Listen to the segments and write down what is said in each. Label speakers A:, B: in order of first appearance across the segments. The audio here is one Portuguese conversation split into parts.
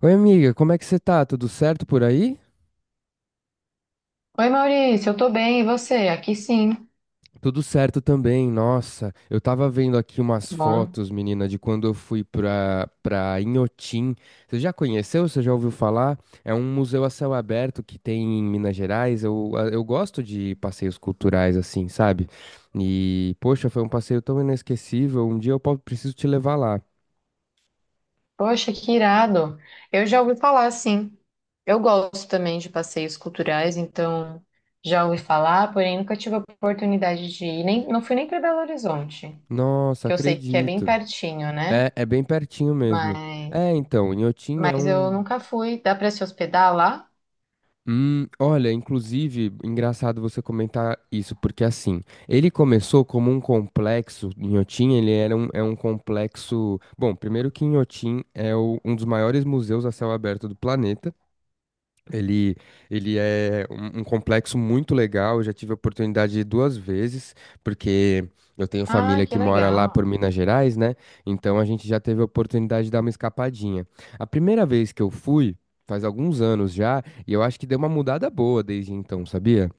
A: Oi, amiga, como é que você tá? Tudo certo por aí?
B: Oi, Maurício, eu tô bem, e você? Aqui sim. Tá
A: Tudo certo também, nossa. Eu tava vendo aqui umas
B: bom.
A: fotos, menina, de quando eu fui pra Inhotim. Você já conheceu? Você já ouviu falar? É um museu a céu aberto que tem em Minas Gerais. Eu, eu gosto de passeios culturais assim, sabe? E, poxa, foi um passeio tão inesquecível. Um dia eu preciso te levar lá.
B: Poxa, que irado. Eu já ouvi falar, sim. Eu gosto também de passeios culturais, então já ouvi falar, porém nunca tive a oportunidade de ir, nem, não fui nem para Belo Horizonte,
A: Nossa,
B: que eu sei que é bem
A: acredito.
B: pertinho, né?
A: É, é bem pertinho mesmo.
B: Mas,
A: É, então, Inhotim é
B: mas eu
A: um.
B: nunca fui. Dá para se hospedar lá?
A: Olha, inclusive, engraçado você comentar isso, porque assim, ele começou como um complexo, Inhotim, é um complexo. Bom, primeiro que Inhotim é um dos maiores museus a céu aberto do planeta, ele, ele é um complexo muito legal. Eu já tive a oportunidade de ir 2 vezes, porque eu tenho
B: Ah,
A: família
B: que
A: que mora lá por
B: legal.
A: Minas Gerais, né? Então a gente já teve a oportunidade de dar uma escapadinha. A primeira vez que eu fui, faz alguns anos já, e eu acho que deu uma mudada boa desde então, sabia?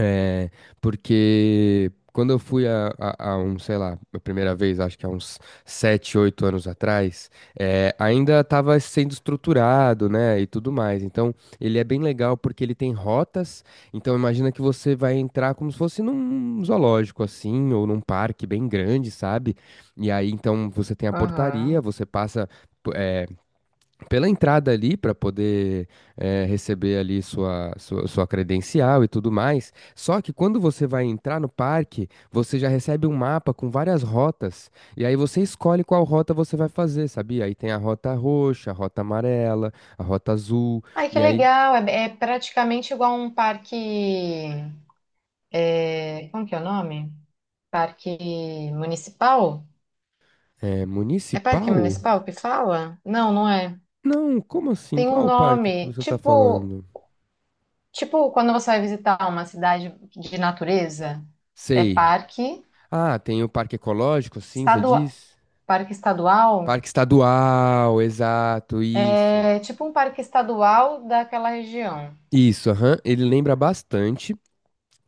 A: É, porque quando eu fui a um, sei lá, a primeira vez, acho que há uns 7 8 anos atrás, é, ainda estava sendo estruturado, né, e tudo mais. Então, ele é bem legal porque ele tem rotas. Então, imagina que você vai entrar como se fosse num zoológico, assim, ou num parque bem grande, sabe? E aí, então, você tem a portaria,
B: Aham.
A: você passa pela entrada ali para poder receber ali sua credencial e tudo mais. Só que quando você vai entrar no parque, você já recebe um mapa com várias rotas e aí você escolhe qual rota você vai fazer, sabia? Aí tem a rota roxa, a rota amarela, a rota azul
B: Ai, que
A: e aí
B: legal. É, é praticamente igual um parque. Como que é o nome? Parque municipal?
A: é
B: É parque
A: municipal?
B: municipal que fala? Não, não é.
A: Não, como assim?
B: Tem um
A: Qual o parque que
B: nome,
A: você está
B: tipo,
A: falando?
B: tipo quando você vai visitar uma cidade de natureza, é
A: Sei. Ah, tem o parque ecológico, sim, você
B: estadual,
A: diz?
B: parque estadual,
A: Parque estadual, exato, isso.
B: é tipo um parque estadual daquela região.
A: Isso, aham, ele lembra bastante.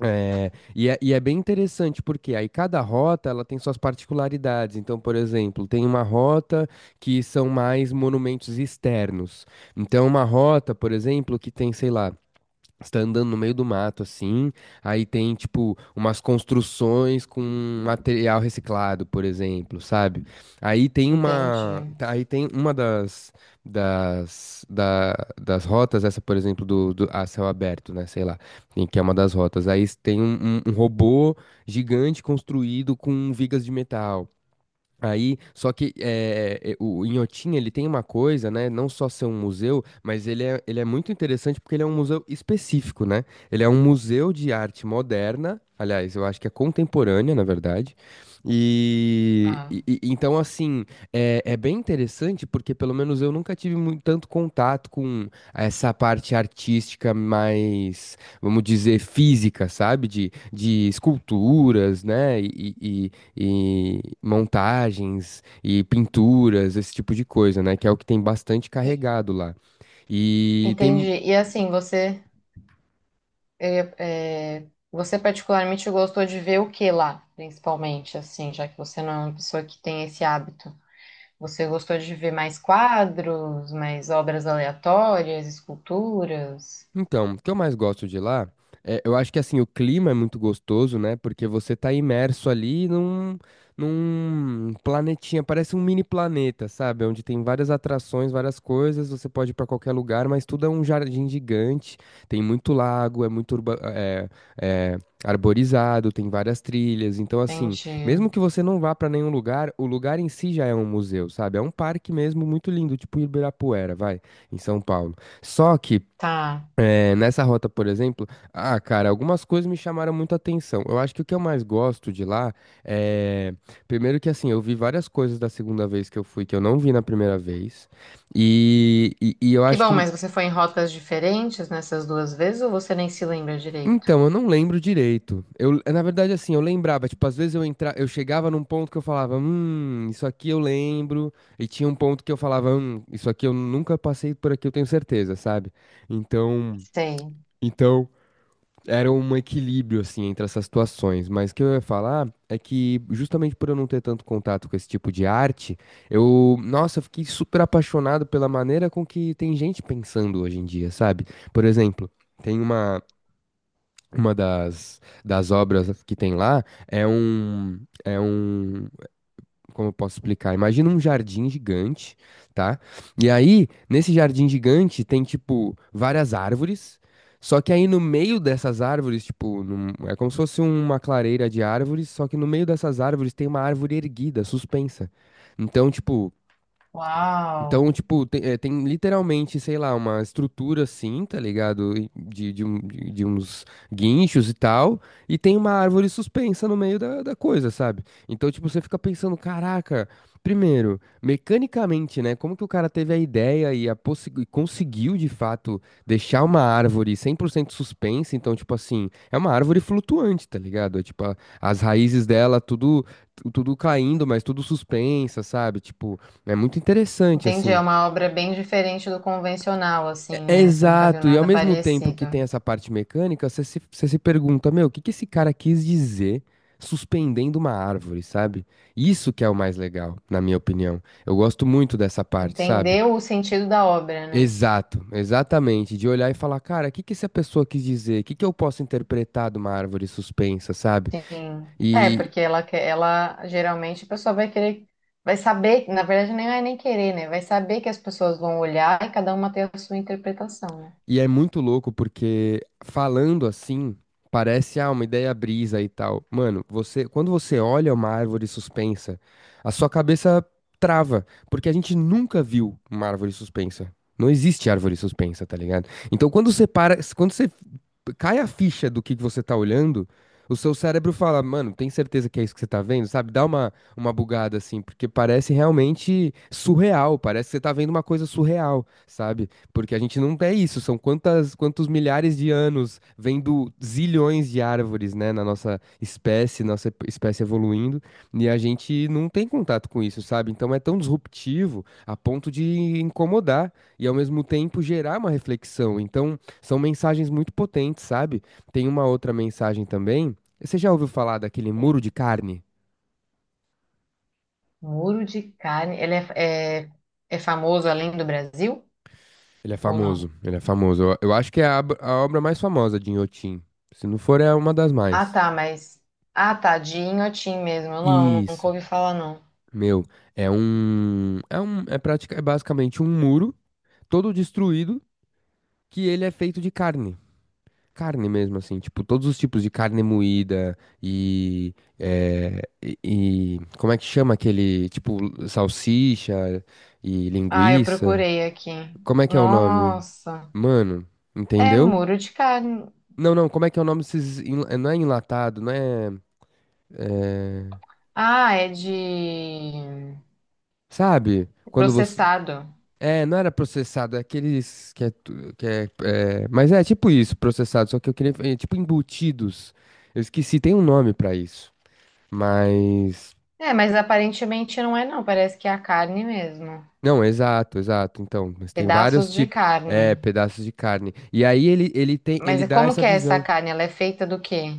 A: É e é bem interessante porque aí cada rota ela tem suas particularidades. Então, por exemplo, tem uma rota que são mais monumentos externos. Então, uma rota, por exemplo, que tem, sei lá, você tá andando no meio do mato, assim, aí tem, tipo, umas construções com material reciclado, por exemplo, sabe?
B: Entendi.
A: Aí tem uma das, das, da- das rotas, essa, por exemplo, do a céu aberto, né, sei lá, em que é uma das rotas. Aí tem um robô gigante construído com vigas de metal. Aí, só que o Inhotim, ele tem uma coisa, né? Não só ser um museu, mas ele é muito interessante porque ele é um museu específico, né? Ele é um museu de arte moderna, aliás, eu acho que é contemporânea, na verdade.
B: Ah,
A: Então, assim, é bem interessante porque pelo menos eu nunca tive muito, tanto contato com essa parte artística mais, vamos dizer, física, sabe? De esculturas, né? E montagens e pinturas, esse tipo de coisa, né? Que é o que tem bastante
B: e-
A: carregado lá. E
B: Entendi.
A: tem
B: E assim, você, você particularmente gostou de ver o que lá, principalmente, assim, já que você não é uma pessoa que tem esse hábito. Você gostou de ver mais quadros, mais obras aleatórias, esculturas?
A: Então, o que eu mais gosto de lá, é, eu acho que assim, o clima é muito gostoso, né? Porque você tá imerso ali num planetinha, parece um mini planeta, sabe? Onde tem várias atrações, várias coisas, você pode ir pra qualquer lugar, mas tudo é um jardim gigante, tem muito lago, é muito é, arborizado, tem várias trilhas. Então, assim,
B: Entendi.
A: mesmo que você não vá pra nenhum lugar, o lugar em si já é um museu, sabe? É um parque mesmo muito lindo, tipo Ibirapuera, vai, em São Paulo. Só que
B: Tá.
A: nessa rota, por exemplo, ah, cara, algumas coisas me chamaram muito a atenção. Eu acho que o que eu mais gosto de lá é. Primeiro que assim, eu vi várias coisas da segunda vez que eu fui que eu não vi na primeira vez. E, e eu
B: Que
A: acho
B: bom,
A: que.
B: mas você foi em rotas diferentes nessas duas vezes ou você nem se lembra direito?
A: Então, eu não lembro direito. Eu, na verdade, assim, eu lembrava, tipo, às vezes eu entra, eu chegava num ponto que eu falava, isso aqui eu lembro. E tinha um ponto que eu falava, isso aqui eu nunca passei por aqui, eu tenho certeza, sabe? Então.
B: Sei.
A: Então. Era um equilíbrio, assim, entre essas situações. Mas o que eu ia falar é que, justamente por eu não ter tanto contato com esse tipo de arte, eu, nossa, eu fiquei super apaixonado pela maneira com que tem gente pensando hoje em dia, sabe? Por exemplo, tem uma, uma das obras que tem lá, é um, é um, como eu posso explicar? Imagina um jardim gigante, tá? E aí, nesse jardim gigante, tem, tipo, várias árvores. Só que aí no meio dessas árvores, tipo, é como se fosse uma clareira de árvores, só que no meio dessas árvores tem uma árvore erguida, suspensa. Então, tipo,
B: Uau.
A: então, tipo, tem, é, tem literalmente, sei lá, uma estrutura assim, tá ligado? E de uns guinchos e tal, e tem uma árvore suspensa no meio da coisa, sabe? Então, tipo, você fica pensando, caraca, primeiro, mecanicamente, né? Como que o cara teve a ideia e conseguiu, de fato, deixar uma árvore 100% suspensa? Então, tipo assim, é uma árvore flutuante, tá ligado? É, tipo, as raízes dela, tudo, tudo caindo, mas tudo suspensa, sabe? Tipo. É muito interessante,
B: Entendi, é
A: assim.
B: uma obra bem diferente do convencional, assim,
A: É, é
B: né? Você nunca viu
A: exato, e ao
B: nada
A: mesmo tempo que
B: parecido.
A: tem essa parte mecânica, você se pergunta, meu, o que que esse cara quis dizer suspendendo uma árvore, sabe? Isso que é o mais legal, na minha opinião. Eu gosto muito dessa parte, sabe?
B: Entendeu o sentido da obra, né?
A: Exato, exatamente. De olhar e falar, cara, o que que essa pessoa quis dizer? O que que eu posso interpretar de uma árvore suspensa, sabe?
B: Sim. É, porque ela quer, ela geralmente a pessoa vai querer, vai saber, na verdade nem é nem querer, né? Vai saber que as pessoas vão olhar e cada uma tem a sua interpretação, né?
A: E é muito louco porque falando assim, parece uma ideia brisa e tal. Mano, você, quando você olha uma árvore suspensa, a sua cabeça trava, porque a gente nunca viu uma árvore suspensa. Não existe árvore suspensa, tá ligado? Então quando você para, quando você cai a ficha do que você tá olhando, o seu cérebro fala, mano, tem certeza que é isso que você tá vendo? Sabe? Dá uma bugada assim, porque parece realmente surreal, parece que você tá vendo uma coisa surreal, sabe? Porque a gente não é isso, são quantas, quantos milhares de anos vendo zilhões de árvores, né, na nossa espécie, nossa espécie evoluindo, e a gente não tem contato com isso, sabe? Então é tão disruptivo a ponto de incomodar e ao mesmo tempo gerar uma reflexão. Então são mensagens muito potentes, sabe? Tem uma outra mensagem também. Você já ouviu falar daquele muro
B: Sim.
A: de carne?
B: Muro de carne, é famoso além do Brasil
A: Ele é
B: ou não?
A: famoso, ele é famoso. Eu acho que é a obra mais famosa de Inhotim. Se não for, é uma das
B: Ah,
A: mais.
B: tá, mas ah, tá, de Inhotim mesmo. Não, nunca
A: Isso.
B: ouvi falar não.
A: Meu, é basicamente um muro todo destruído que ele é feito de carne. Carne mesmo, assim, tipo, todos os tipos de carne moída e, é, e, como é que chama aquele, tipo, salsicha e
B: Ah, eu
A: linguiça?
B: procurei aqui.
A: Como é que é o nome?
B: Nossa,
A: Mano,
B: é
A: entendeu?
B: muro de carne.
A: Não, não, como é que é o nome desses, não é enlatado, não é, é,
B: Ah, é de
A: sabe? Quando você
B: processado.
A: É, não era processado, é aqueles que é, que é, é, mas é tipo isso, processado, só que eu queria, é, tipo embutidos. Eu esqueci, tem um nome pra isso. Mas
B: É, mas aparentemente não é não, parece que é a carne mesmo.
A: não, exato, exato. Então, mas tem vários
B: Pedaços de
A: tipos, é,
B: carne.
A: pedaços de carne. E aí ele tem,
B: Mas
A: ele
B: e
A: dá
B: como
A: essa
B: que é essa
A: visão.
B: carne? Ela é feita do quê?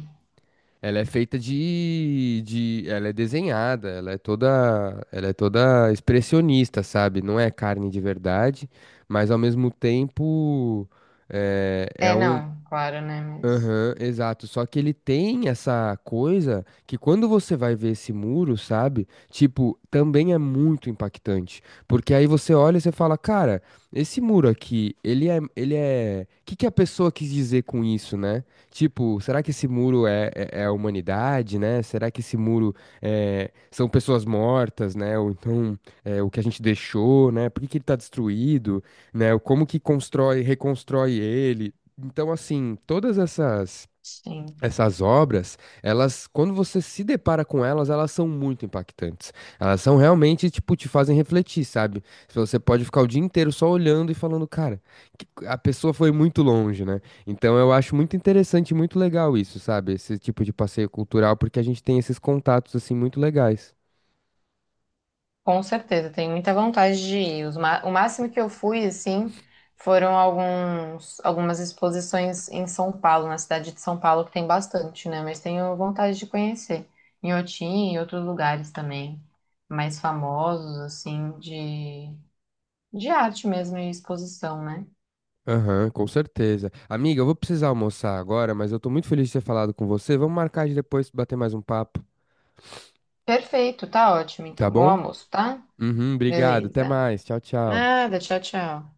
A: Ela é feita ela é desenhada, ela é toda expressionista, sabe? Não é carne de verdade, mas ao mesmo tempo é, é
B: É,
A: um,
B: não, claro, né? Mas
A: Aham, exato. Só que ele tem essa coisa que quando você vai ver esse muro, sabe? Tipo, também é muito impactante. Porque aí você olha e você fala, cara, esse muro aqui, ele é... O que que a pessoa quis dizer com isso, né? Tipo, será que esse muro é a humanidade, né? Será que esse muro é, são pessoas mortas, né? Ou então é, o que a gente deixou, né? Por que que ele tá destruído, né? Como que constrói, reconstrói ele? Então, assim, todas
B: sim,
A: essas obras, elas, quando você se depara com elas, elas são muito impactantes. Elas são realmente, tipo, te fazem refletir, sabe? Se você pode ficar o dia inteiro só olhando e falando, cara, que a pessoa foi muito longe, né? Então, eu acho muito interessante e muito legal isso, sabe? Esse tipo de passeio cultural, porque a gente tem esses contatos, assim, muito legais.
B: com certeza, tenho muita vontade de ir. O máximo que eu fui, assim, foram alguns, algumas exposições em São Paulo, na cidade de São Paulo, que tem bastante, né? Mas tenho vontade de conhecer. Em Otim e outros lugares também, mais famosos, assim, de arte mesmo e exposição, né?
A: Aham, com certeza. Amiga, eu vou precisar almoçar agora, mas eu tô muito feliz de ter falado com você. Vamos marcar de depois bater mais um papo,
B: Perfeito, tá ótimo.
A: tá
B: Então, bom
A: bom?
B: almoço, tá?
A: Uhum, obrigado. Até
B: Beleza.
A: mais. Tchau, tchau.
B: Nada, tchau, tchau.